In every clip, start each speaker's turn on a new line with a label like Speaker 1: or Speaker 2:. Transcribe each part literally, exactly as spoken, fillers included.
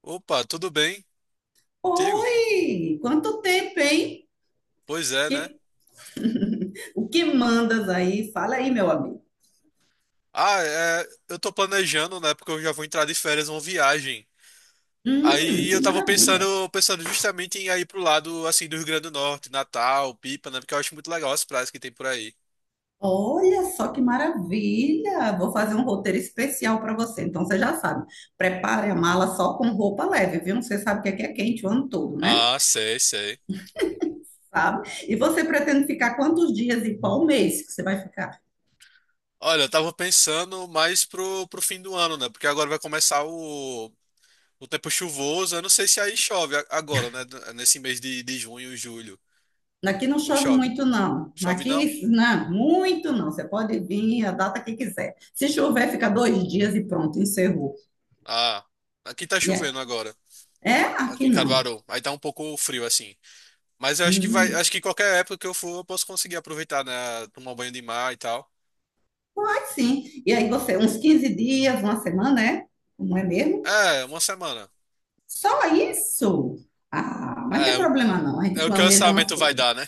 Speaker 1: Opa, tudo bem contigo?
Speaker 2: Oi! Quanto tempo, hein?
Speaker 1: Pois é, né?
Speaker 2: Que- O que mandas aí? Fala aí, meu amigo.
Speaker 1: Ah, é, eu tô planejando, né? Porque eu já vou entrar de férias uma viagem.
Speaker 2: Hum,
Speaker 1: Aí
Speaker 2: que
Speaker 1: eu tava
Speaker 2: maravilha!
Speaker 1: pensando, pensando justamente em ir pro lado assim do Rio Grande do Norte, Natal, Pipa, né? Porque eu acho muito legal as praias que tem por aí.
Speaker 2: Olha só que maravilha! Vou fazer um roteiro especial para você. Então você já sabe, prepare a mala só com roupa leve, viu? Você sabe que aqui é quente o ano todo, né?
Speaker 1: Ah, sei, sei. Uhum.
Speaker 2: Sabe? E você pretende ficar quantos dias e qual mês que você vai ficar?
Speaker 1: Olha, eu tava pensando mais pro, pro fim do ano, né? Porque agora vai começar o, o tempo chuvoso. Eu não sei se aí chove a- agora, né? Nesse mês de, de junho, julho.
Speaker 2: Aqui não
Speaker 1: Ou
Speaker 2: chove
Speaker 1: chove?
Speaker 2: muito, não.
Speaker 1: Chove não?
Speaker 2: Aqui, não, muito não. Você pode vir a data que quiser. Se chover, fica dois dias e pronto, encerrou.
Speaker 1: Ah, aqui tá
Speaker 2: E é,
Speaker 1: chovendo agora.
Speaker 2: é, aqui
Speaker 1: Aqui em
Speaker 2: não.
Speaker 1: Caruaru. Aí tá um pouco frio assim. Mas eu acho que vai,
Speaker 2: Hum,
Speaker 1: acho que qualquer época que eu for, eu posso conseguir aproveitar, né? Tomar um banho de mar e tal.
Speaker 2: mas sim. E aí você, uns quinze dias, uma semana, é? Não é mesmo?
Speaker 1: É, uma semana.
Speaker 2: Só isso? Ah, mas não tem
Speaker 1: É, o,
Speaker 2: problema não. A gente
Speaker 1: é o que o
Speaker 2: planeja umas
Speaker 1: orçamento vai
Speaker 2: coisas.
Speaker 1: dar, né?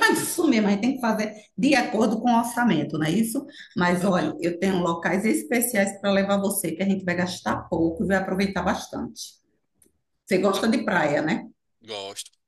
Speaker 2: Mas isso mesmo, a gente tem que fazer de acordo com o orçamento, não é isso? Mas olha,
Speaker 1: Aham.
Speaker 2: eu tenho locais especiais para levar você, que a gente vai gastar pouco e vai aproveitar bastante. Você
Speaker 1: Ah,
Speaker 2: gosta de praia, né?
Speaker 1: gosto.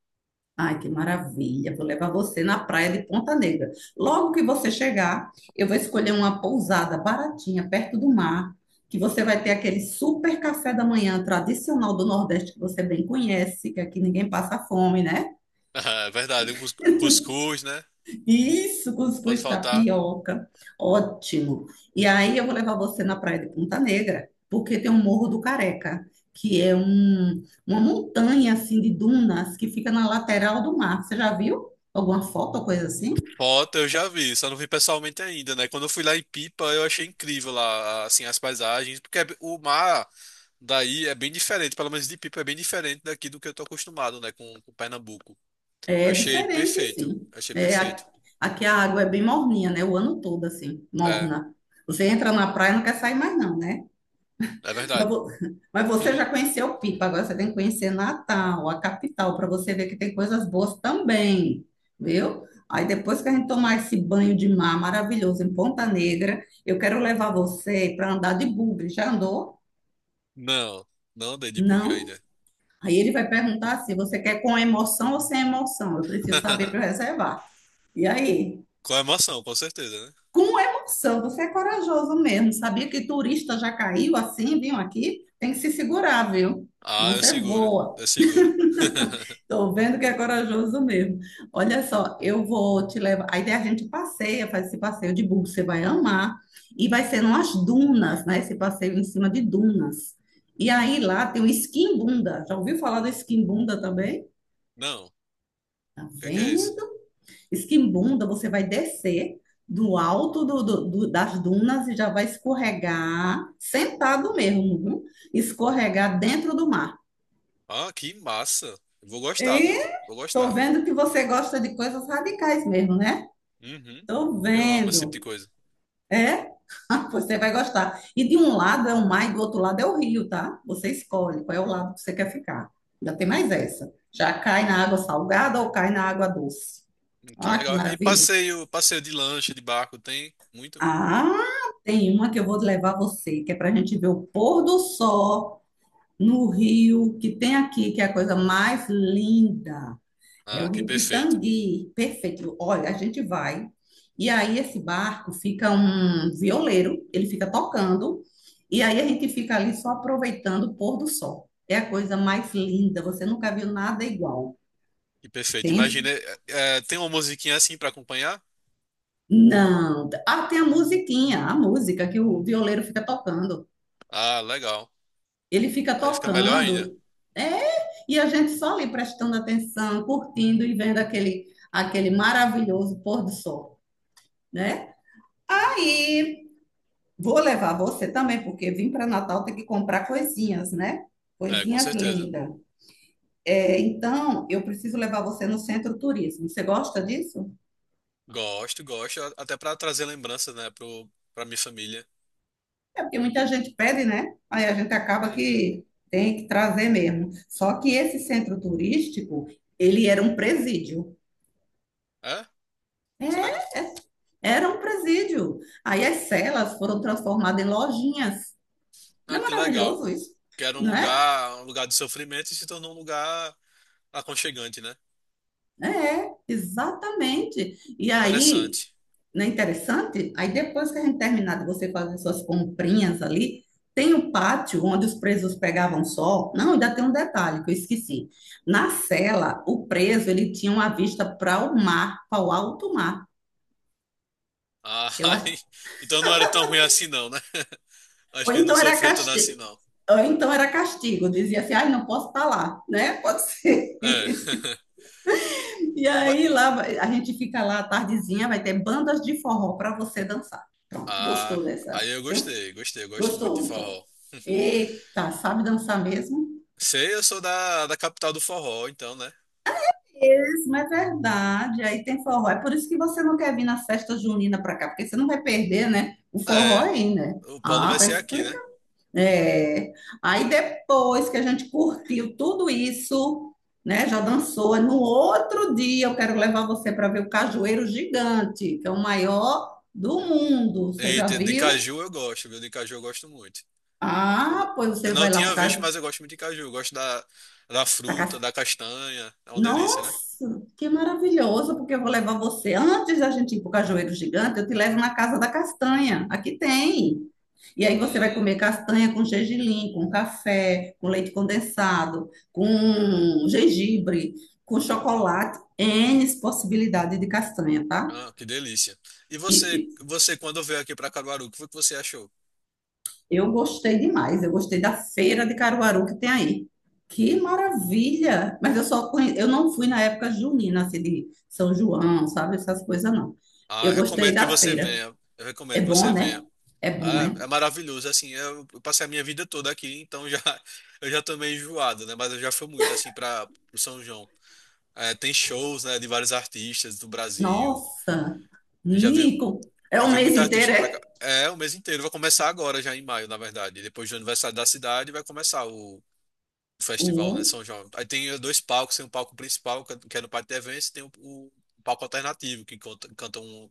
Speaker 2: Ai, que maravilha! Vou levar você na praia de Ponta Negra. Logo que você chegar, eu vou escolher uma pousada baratinha perto do mar, que você vai ter aquele super café da manhã tradicional do Nordeste que você bem conhece, que aqui ninguém passa fome, né?
Speaker 1: Ah, é verdade, um, cus- um cuscuz, né?
Speaker 2: Isso,
Speaker 1: Não pode
Speaker 2: cuscuz
Speaker 1: faltar.
Speaker 2: tapioca. Ótimo. E aí eu vou levar você na praia de Ponta Negra, porque tem o Morro do Careca. Que é um, uma montanha assim de dunas que fica na lateral do mar. Você já viu alguma foto ou coisa assim?
Speaker 1: Foto eu já vi, só não vi pessoalmente ainda, né? Quando eu fui lá em Pipa, eu achei incrível lá, assim, as paisagens, porque é- b- o mar daí é bem diferente, pelo menos de Pipa é bem diferente daqui do que eu tô acostumado, né, com, com Pernambuco. Eu
Speaker 2: É
Speaker 1: achei
Speaker 2: diferente,
Speaker 1: perfeito,
Speaker 2: assim.
Speaker 1: eu achei
Speaker 2: É, a-
Speaker 1: perfeito.
Speaker 2: aqui a água é bem morninha, né? O ano todo, assim,
Speaker 1: É,
Speaker 2: morna. Você entra na praia e não quer sair mais, não, né?
Speaker 1: é
Speaker 2: Mas,
Speaker 1: verdade.
Speaker 2: vo- mas você já conheceu Pipa, agora você tem que conhecer Natal, a capital, para você ver que tem coisas boas também, viu? Aí depois que a gente tomar esse banho de mar maravilhoso em Ponta Negra, eu quero levar você para andar de bugre. Já andou?
Speaker 1: Não, não dei debug
Speaker 2: Não?
Speaker 1: ainda.
Speaker 2: Aí ele vai perguntar assim: você quer com emoção ou sem emoção? Eu preciso saber para reservar. E aí?
Speaker 1: Com emoção, com certeza, né?
Speaker 2: Com emoção. Você é corajoso mesmo. Sabia que turista já caiu assim, vinham aqui? Tem que se segurar, viu?
Speaker 1: Ah,
Speaker 2: Não
Speaker 1: eu
Speaker 2: se
Speaker 1: seguro,
Speaker 2: voa.
Speaker 1: eu seguro.
Speaker 2: Tô vendo que é corajoso mesmo. Olha só, eu vou te levar. Aí a gente passeia, faz esse passeio de buggy, você vai amar. E vai ser nas dunas, né? Esse passeio em cima de dunas. E aí lá tem o esquimbunda. Já ouviu falar do esquimbunda também?
Speaker 1: Não, o
Speaker 2: Tá
Speaker 1: que é que é isso?
Speaker 2: vendo? Esquimbunda, você vai descer do alto do- do- do- das dunas e já vai escorregar, sentado mesmo, viu? Escorregar dentro do mar.
Speaker 1: Ah, que massa. Eu vou gostar,
Speaker 2: E
Speaker 1: viu? Vou
Speaker 2: tô
Speaker 1: gostar.
Speaker 2: vendo que você gosta de coisas radicais mesmo, né?
Speaker 1: Uhum.
Speaker 2: Tô
Speaker 1: Eu amo esse tipo de
Speaker 2: vendo.
Speaker 1: coisa.
Speaker 2: É? Você
Speaker 1: Uhum.
Speaker 2: vai gostar. E de um lado é o mar e do outro lado é o rio, tá? Você escolhe qual é o lado que você quer ficar. Já tem mais essa. Já cai na água salgada ou cai na água doce?
Speaker 1: Hum, que
Speaker 2: Ah, que
Speaker 1: legal. E
Speaker 2: maravilha.
Speaker 1: passeio, passeio de lancha, de barco, tem muito?
Speaker 2: Ah, tem uma que eu vou levar você, que é para a gente ver o pôr do sol no rio que tem aqui, que é a coisa mais linda. É
Speaker 1: Ah,
Speaker 2: o
Speaker 1: que
Speaker 2: Rio
Speaker 1: perfeito.
Speaker 2: Pitangui. Perfeito. Olha, a gente vai. E aí esse barco fica um violeiro, ele fica tocando, e aí a gente fica ali só aproveitando o pôr do sol. É a coisa mais linda, você nunca viu nada igual.
Speaker 1: Que perfeito. Imagina,
Speaker 2: Tem...
Speaker 1: é, é, tem uma musiquinha assim pra acompanhar?
Speaker 2: Não. Ah, tem a musiquinha, a música que o violeiro fica tocando.
Speaker 1: Ah, legal.
Speaker 2: Ele fica
Speaker 1: Aí fica melhor ainda.
Speaker 2: tocando, é, e a gente só ali prestando atenção, curtindo e vendo aquele, aquele maravilhoso pôr do sol, né?
Speaker 1: Uhum.
Speaker 2: Aí vou levar você também, porque vim para Natal tem que comprar coisinhas, né?
Speaker 1: É, com
Speaker 2: Coisinhas
Speaker 1: certeza.
Speaker 2: lindas. É, então, eu preciso levar você no centro turismo. Você gosta disso?
Speaker 1: Gosto, gosto, a- até pra trazer lembranças, né, pro, pra minha família.
Speaker 2: É porque muita gente pede, né? Aí a gente acaba
Speaker 1: Uhum.
Speaker 2: que tem que trazer mesmo. Só que esse centro turístico, ele era um presídio.
Speaker 1: É? Sério?
Speaker 2: É, é era um presídio. Aí as celas foram transformadas em lojinhas. Não
Speaker 1: Ah,
Speaker 2: é
Speaker 1: que legal.
Speaker 2: maravilhoso isso?
Speaker 1: Que era um
Speaker 2: Não é?
Speaker 1: lugar, um lugar de sofrimento e se tornou um lugar aconchegante, né?
Speaker 2: É, exatamente. E aí,
Speaker 1: Interessante.
Speaker 2: não é interessante? Aí depois que a gente terminar de você fazer suas comprinhas ali, tem o pátio onde os presos pegavam sol. Não, ainda tem um detalhe que eu esqueci. Na cela, o preso ele tinha uma vista para o mar, para o alto mar.
Speaker 1: Ah,
Speaker 2: Eu acho.
Speaker 1: aí- então não era tão ruim assim não, né? Acho
Speaker 2: Ou
Speaker 1: que ele não
Speaker 2: então era
Speaker 1: sofreu tanto
Speaker 2: castigo,
Speaker 1: assim não.
Speaker 2: ou então era castigo, dizia assim, ai, não posso estar lá, né? Pode ser.
Speaker 1: É.
Speaker 2: E
Speaker 1: Mas,
Speaker 2: aí lá a gente fica lá à tardezinha, vai ter bandas de forró para você dançar. Pronto,
Speaker 1: ah,
Speaker 2: gostou dessa?
Speaker 1: aí eu gostei, gostei, eu gosto muito de
Speaker 2: Gostou, não foi?
Speaker 1: forró.
Speaker 2: Eita, sabe dançar mesmo?
Speaker 1: Sei, eu sou da, da capital do forró, então, né?
Speaker 2: Isso, é verdade. Aí tem forró. É por isso que você não quer vir na festa junina para cá, porque você não vai perder, né? O forró
Speaker 1: É,
Speaker 2: aí, né?
Speaker 1: o Paulo
Speaker 2: Ah,
Speaker 1: vai
Speaker 2: tá
Speaker 1: ser aqui, né?
Speaker 2: explicado. É. Aí depois que a gente curtiu tudo isso, né? Já dançou. No outro dia eu quero levar você para ver o Cajueiro Gigante, que é o maior do mundo. Você já
Speaker 1: Eita, de
Speaker 2: viu?
Speaker 1: caju eu gosto, viu? De caju eu gosto muito.
Speaker 2: Ah, pois
Speaker 1: Eu
Speaker 2: você
Speaker 1: não
Speaker 2: vai lá pro
Speaker 1: tinha visto,
Speaker 2: Caju.
Speaker 1: mas eu gosto muito de caju. Eu gosto da, da
Speaker 2: tá
Speaker 1: fruta,
Speaker 2: ca-
Speaker 1: da castanha. É uma delícia, né?
Speaker 2: Nossa, que maravilhoso, porque eu vou levar você. Antes da gente ir pro Cajueiro Gigante, eu te levo na Casa da Castanha. Aqui tem. E aí você vai
Speaker 1: Hum,
Speaker 2: comer castanha com gergelim, com café, com leite condensado, com gengibre, com chocolate, N possibilidade de castanha, tá?
Speaker 1: ah, que delícia. E você,
Speaker 2: E,
Speaker 1: você quando veio aqui para Caruaru, o que foi que você achou?
Speaker 2: e eu gostei demais, eu gostei da feira de Caruaru que tem aí. Que maravilha! Mas eu só conhe... eu não fui na época junina, assim, de São João, sabe? Essas coisas não.
Speaker 1: Ah, eu
Speaker 2: Eu gostei
Speaker 1: recomendo que
Speaker 2: da
Speaker 1: você
Speaker 2: feira.
Speaker 1: venha. Eu recomendo
Speaker 2: É
Speaker 1: que
Speaker 2: bom,
Speaker 1: você
Speaker 2: né?
Speaker 1: venha.
Speaker 2: É bom,
Speaker 1: Ah,
Speaker 2: é?
Speaker 1: é maravilhoso, assim, eu eu passei a minha vida toda aqui, então já eu já tô meio enjoado, né? Mas eu já fui muito assim para o São João. É, tem shows, né, de vários artistas do Brasil.
Speaker 2: Nossa!
Speaker 1: Eu já vi
Speaker 2: Nico! É
Speaker 1: Já
Speaker 2: um
Speaker 1: veio
Speaker 2: mês
Speaker 1: muita artista
Speaker 2: inteiro,
Speaker 1: pra cá.
Speaker 2: é?
Speaker 1: É, o mês inteiro. Vai começar agora, já em maio, na verdade. Depois do aniversário da cidade, vai começar o o festival, né?
Speaker 2: Olha!
Speaker 1: São João. Aí tem dois palcos. Tem um palco principal, que é que é no Pátio de Eventos, e tem o, o palco alternativo, que conta- canta um,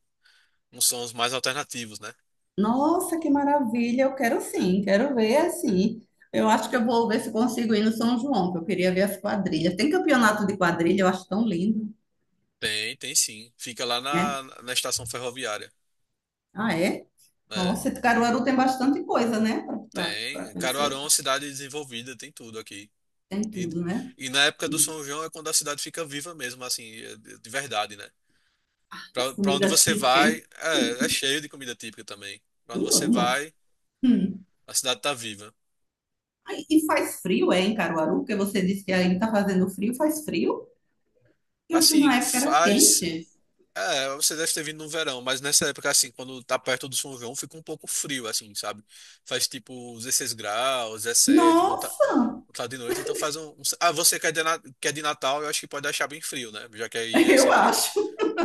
Speaker 1: uns sons mais alternativos, né?
Speaker 2: Nossa, que maravilha! Eu quero sim, quero ver assim. Eu acho que eu vou ver se consigo ir no São João, que eu queria ver as quadrilhas. Tem campeonato de quadrilha, eu acho tão lindo,
Speaker 1: Tem, tem sim. Fica lá
Speaker 2: né?
Speaker 1: na, na estação ferroviária.
Speaker 2: Ah, é?
Speaker 1: É,
Speaker 2: Nossa, Caruaru tem bastante coisa, né? Para
Speaker 1: tem. Caruaru é
Speaker 2: conhecer.
Speaker 1: uma cidade desenvolvida, tem tudo aqui.
Speaker 2: Tem
Speaker 1: E,
Speaker 2: tudo, né?
Speaker 1: e na época do
Speaker 2: Hum,
Speaker 1: São João é quando a cidade fica viva mesmo, assim, de verdade, né? Pra,
Speaker 2: as
Speaker 1: pra onde
Speaker 2: comidas
Speaker 1: você
Speaker 2: típicas, hein?
Speaker 1: vai, é, é cheio de comida típica também. Pra onde
Speaker 2: Eu
Speaker 1: você
Speaker 2: amo. as-
Speaker 1: vai,
Speaker 2: Hum.
Speaker 1: a cidade tá viva.
Speaker 2: Ai, e faz frio, é, em Caruaru? Porque você disse que aí tá fazendo frio, faz frio? Eu fui na
Speaker 1: Assim,
Speaker 2: época, era
Speaker 1: faz.
Speaker 2: quente.
Speaker 1: É, você deve ter vindo no verão, mas nessa época, assim, quando tá perto do São João, fica um pouco frio, assim, sabe? Faz tipo dezesseis graus, dezessete, quando tá,
Speaker 2: Nossa,
Speaker 1: quando tá de noite, então faz um. um- ah, você que é de, Na- que é de Natal, eu acho que pode achar bem frio, né? Já que aí é
Speaker 2: eu
Speaker 1: sempre,
Speaker 2: acho.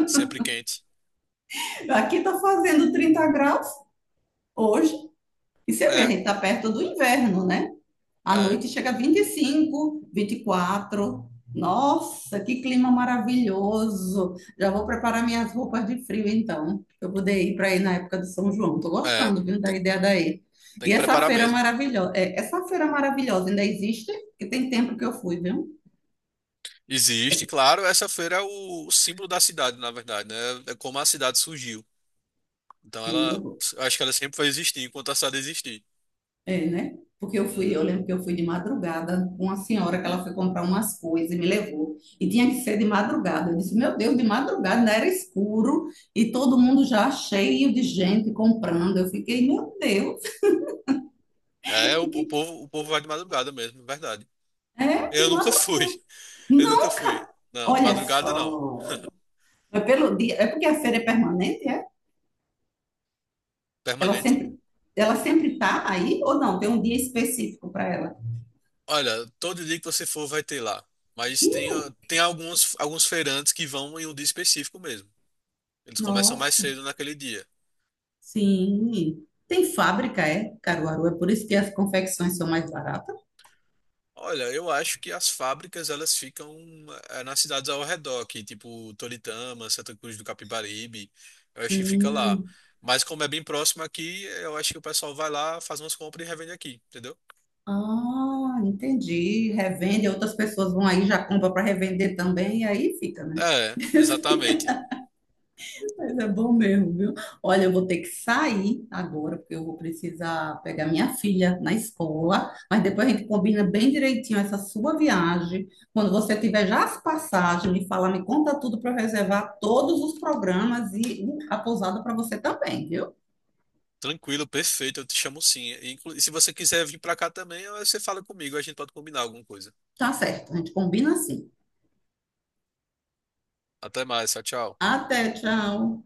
Speaker 1: sempre quente.
Speaker 2: Aqui tá fazendo trinta graus. Hoje, e você vê, a
Speaker 1: É,
Speaker 2: gente está perto do inverno, né? À
Speaker 1: é,
Speaker 2: noite chega a vinte e cinco, vinte e quatro. Nossa, que clima maravilhoso! Já vou preparar minhas roupas de frio, então, para eu poder ir para aí na época do São João. Tô
Speaker 1: é.
Speaker 2: gostando, viu, da
Speaker 1: Tem,
Speaker 2: ideia daí.
Speaker 1: tem
Speaker 2: E
Speaker 1: que
Speaker 2: essa
Speaker 1: preparar
Speaker 2: feira
Speaker 1: mesmo.
Speaker 2: maravilhosa, essa feira maravilhosa ainda existe? Que tem tempo que eu fui, viu? É-
Speaker 1: Existe, claro, essa feira é o símbolo da cidade, na verdade, né? É como a cidade surgiu. Então
Speaker 2: Sim,
Speaker 1: ela,
Speaker 2: eu
Speaker 1: eu acho que ela sempre vai existir enquanto a cidade existir.
Speaker 2: É, né? Porque eu fui, eu
Speaker 1: Uhum.
Speaker 2: lembro que eu fui de madrugada com uma senhora que ela foi comprar umas coisas e me levou. E tinha que ser de madrugada. Eu disse, meu Deus, de madrugada ainda era escuro e todo mundo já cheio de gente comprando. Eu fiquei, meu Deus,
Speaker 1: É, o, o
Speaker 2: que-
Speaker 1: povo, o povo vai de madrugada mesmo, é verdade.
Speaker 2: é
Speaker 1: Eu
Speaker 2: de
Speaker 1: nunca
Speaker 2: madrugada.
Speaker 1: fui, eu nunca fui.
Speaker 2: Nunca!
Speaker 1: Não, de
Speaker 2: Olha
Speaker 1: madrugada não.
Speaker 2: só. É pelo dia, é porque a feira é permanente, é? Ela
Speaker 1: Permanente?
Speaker 2: sempre, ela sempre tá aí ou não? Tem um dia específico para ela.
Speaker 1: Olha, todo dia que você for vai ter lá. Mas tem, ah, tem alguns, alguns feirantes que vão em um dia específico mesmo. Eles começam mais
Speaker 2: Nossa.
Speaker 1: cedo naquele dia.
Speaker 2: Sim. Tem fábrica, é? Caruaru, é por isso que as confecções são mais baratas?
Speaker 1: Olha, eu acho que as fábricas elas ficam eh, nas cidades ao redor, que tipo Toritama, Santa Cruz do Capibaribe, eu acho que fica lá.
Speaker 2: Hum.
Speaker 1: Mas como é bem próximo aqui, eu acho que o pessoal vai lá, faz umas compras e revende aqui, entendeu?
Speaker 2: Ah, entendi. Revende, outras pessoas vão aí, já compra para revender também, e aí fica, né?
Speaker 1: É, exatamente.
Speaker 2: Mas é bom mesmo, viu? Olha, eu vou ter que sair agora, porque eu vou precisar pegar minha filha na escola. Mas depois a gente combina bem direitinho essa sua viagem. Quando você tiver já as passagens, me fala, me conta tudo para eu reservar todos os programas e uh, a pousada para você também, viu?
Speaker 1: Tranquilo, perfeito, eu te chamo sim. E, inclu- e se você quiser vir pra cá também, eh, você fala comigo, a gente pode combinar alguma coisa.
Speaker 2: Tá certo, a gente combina assim.
Speaker 1: Até mais, tchau, tchau.
Speaker 2: Até, tchau.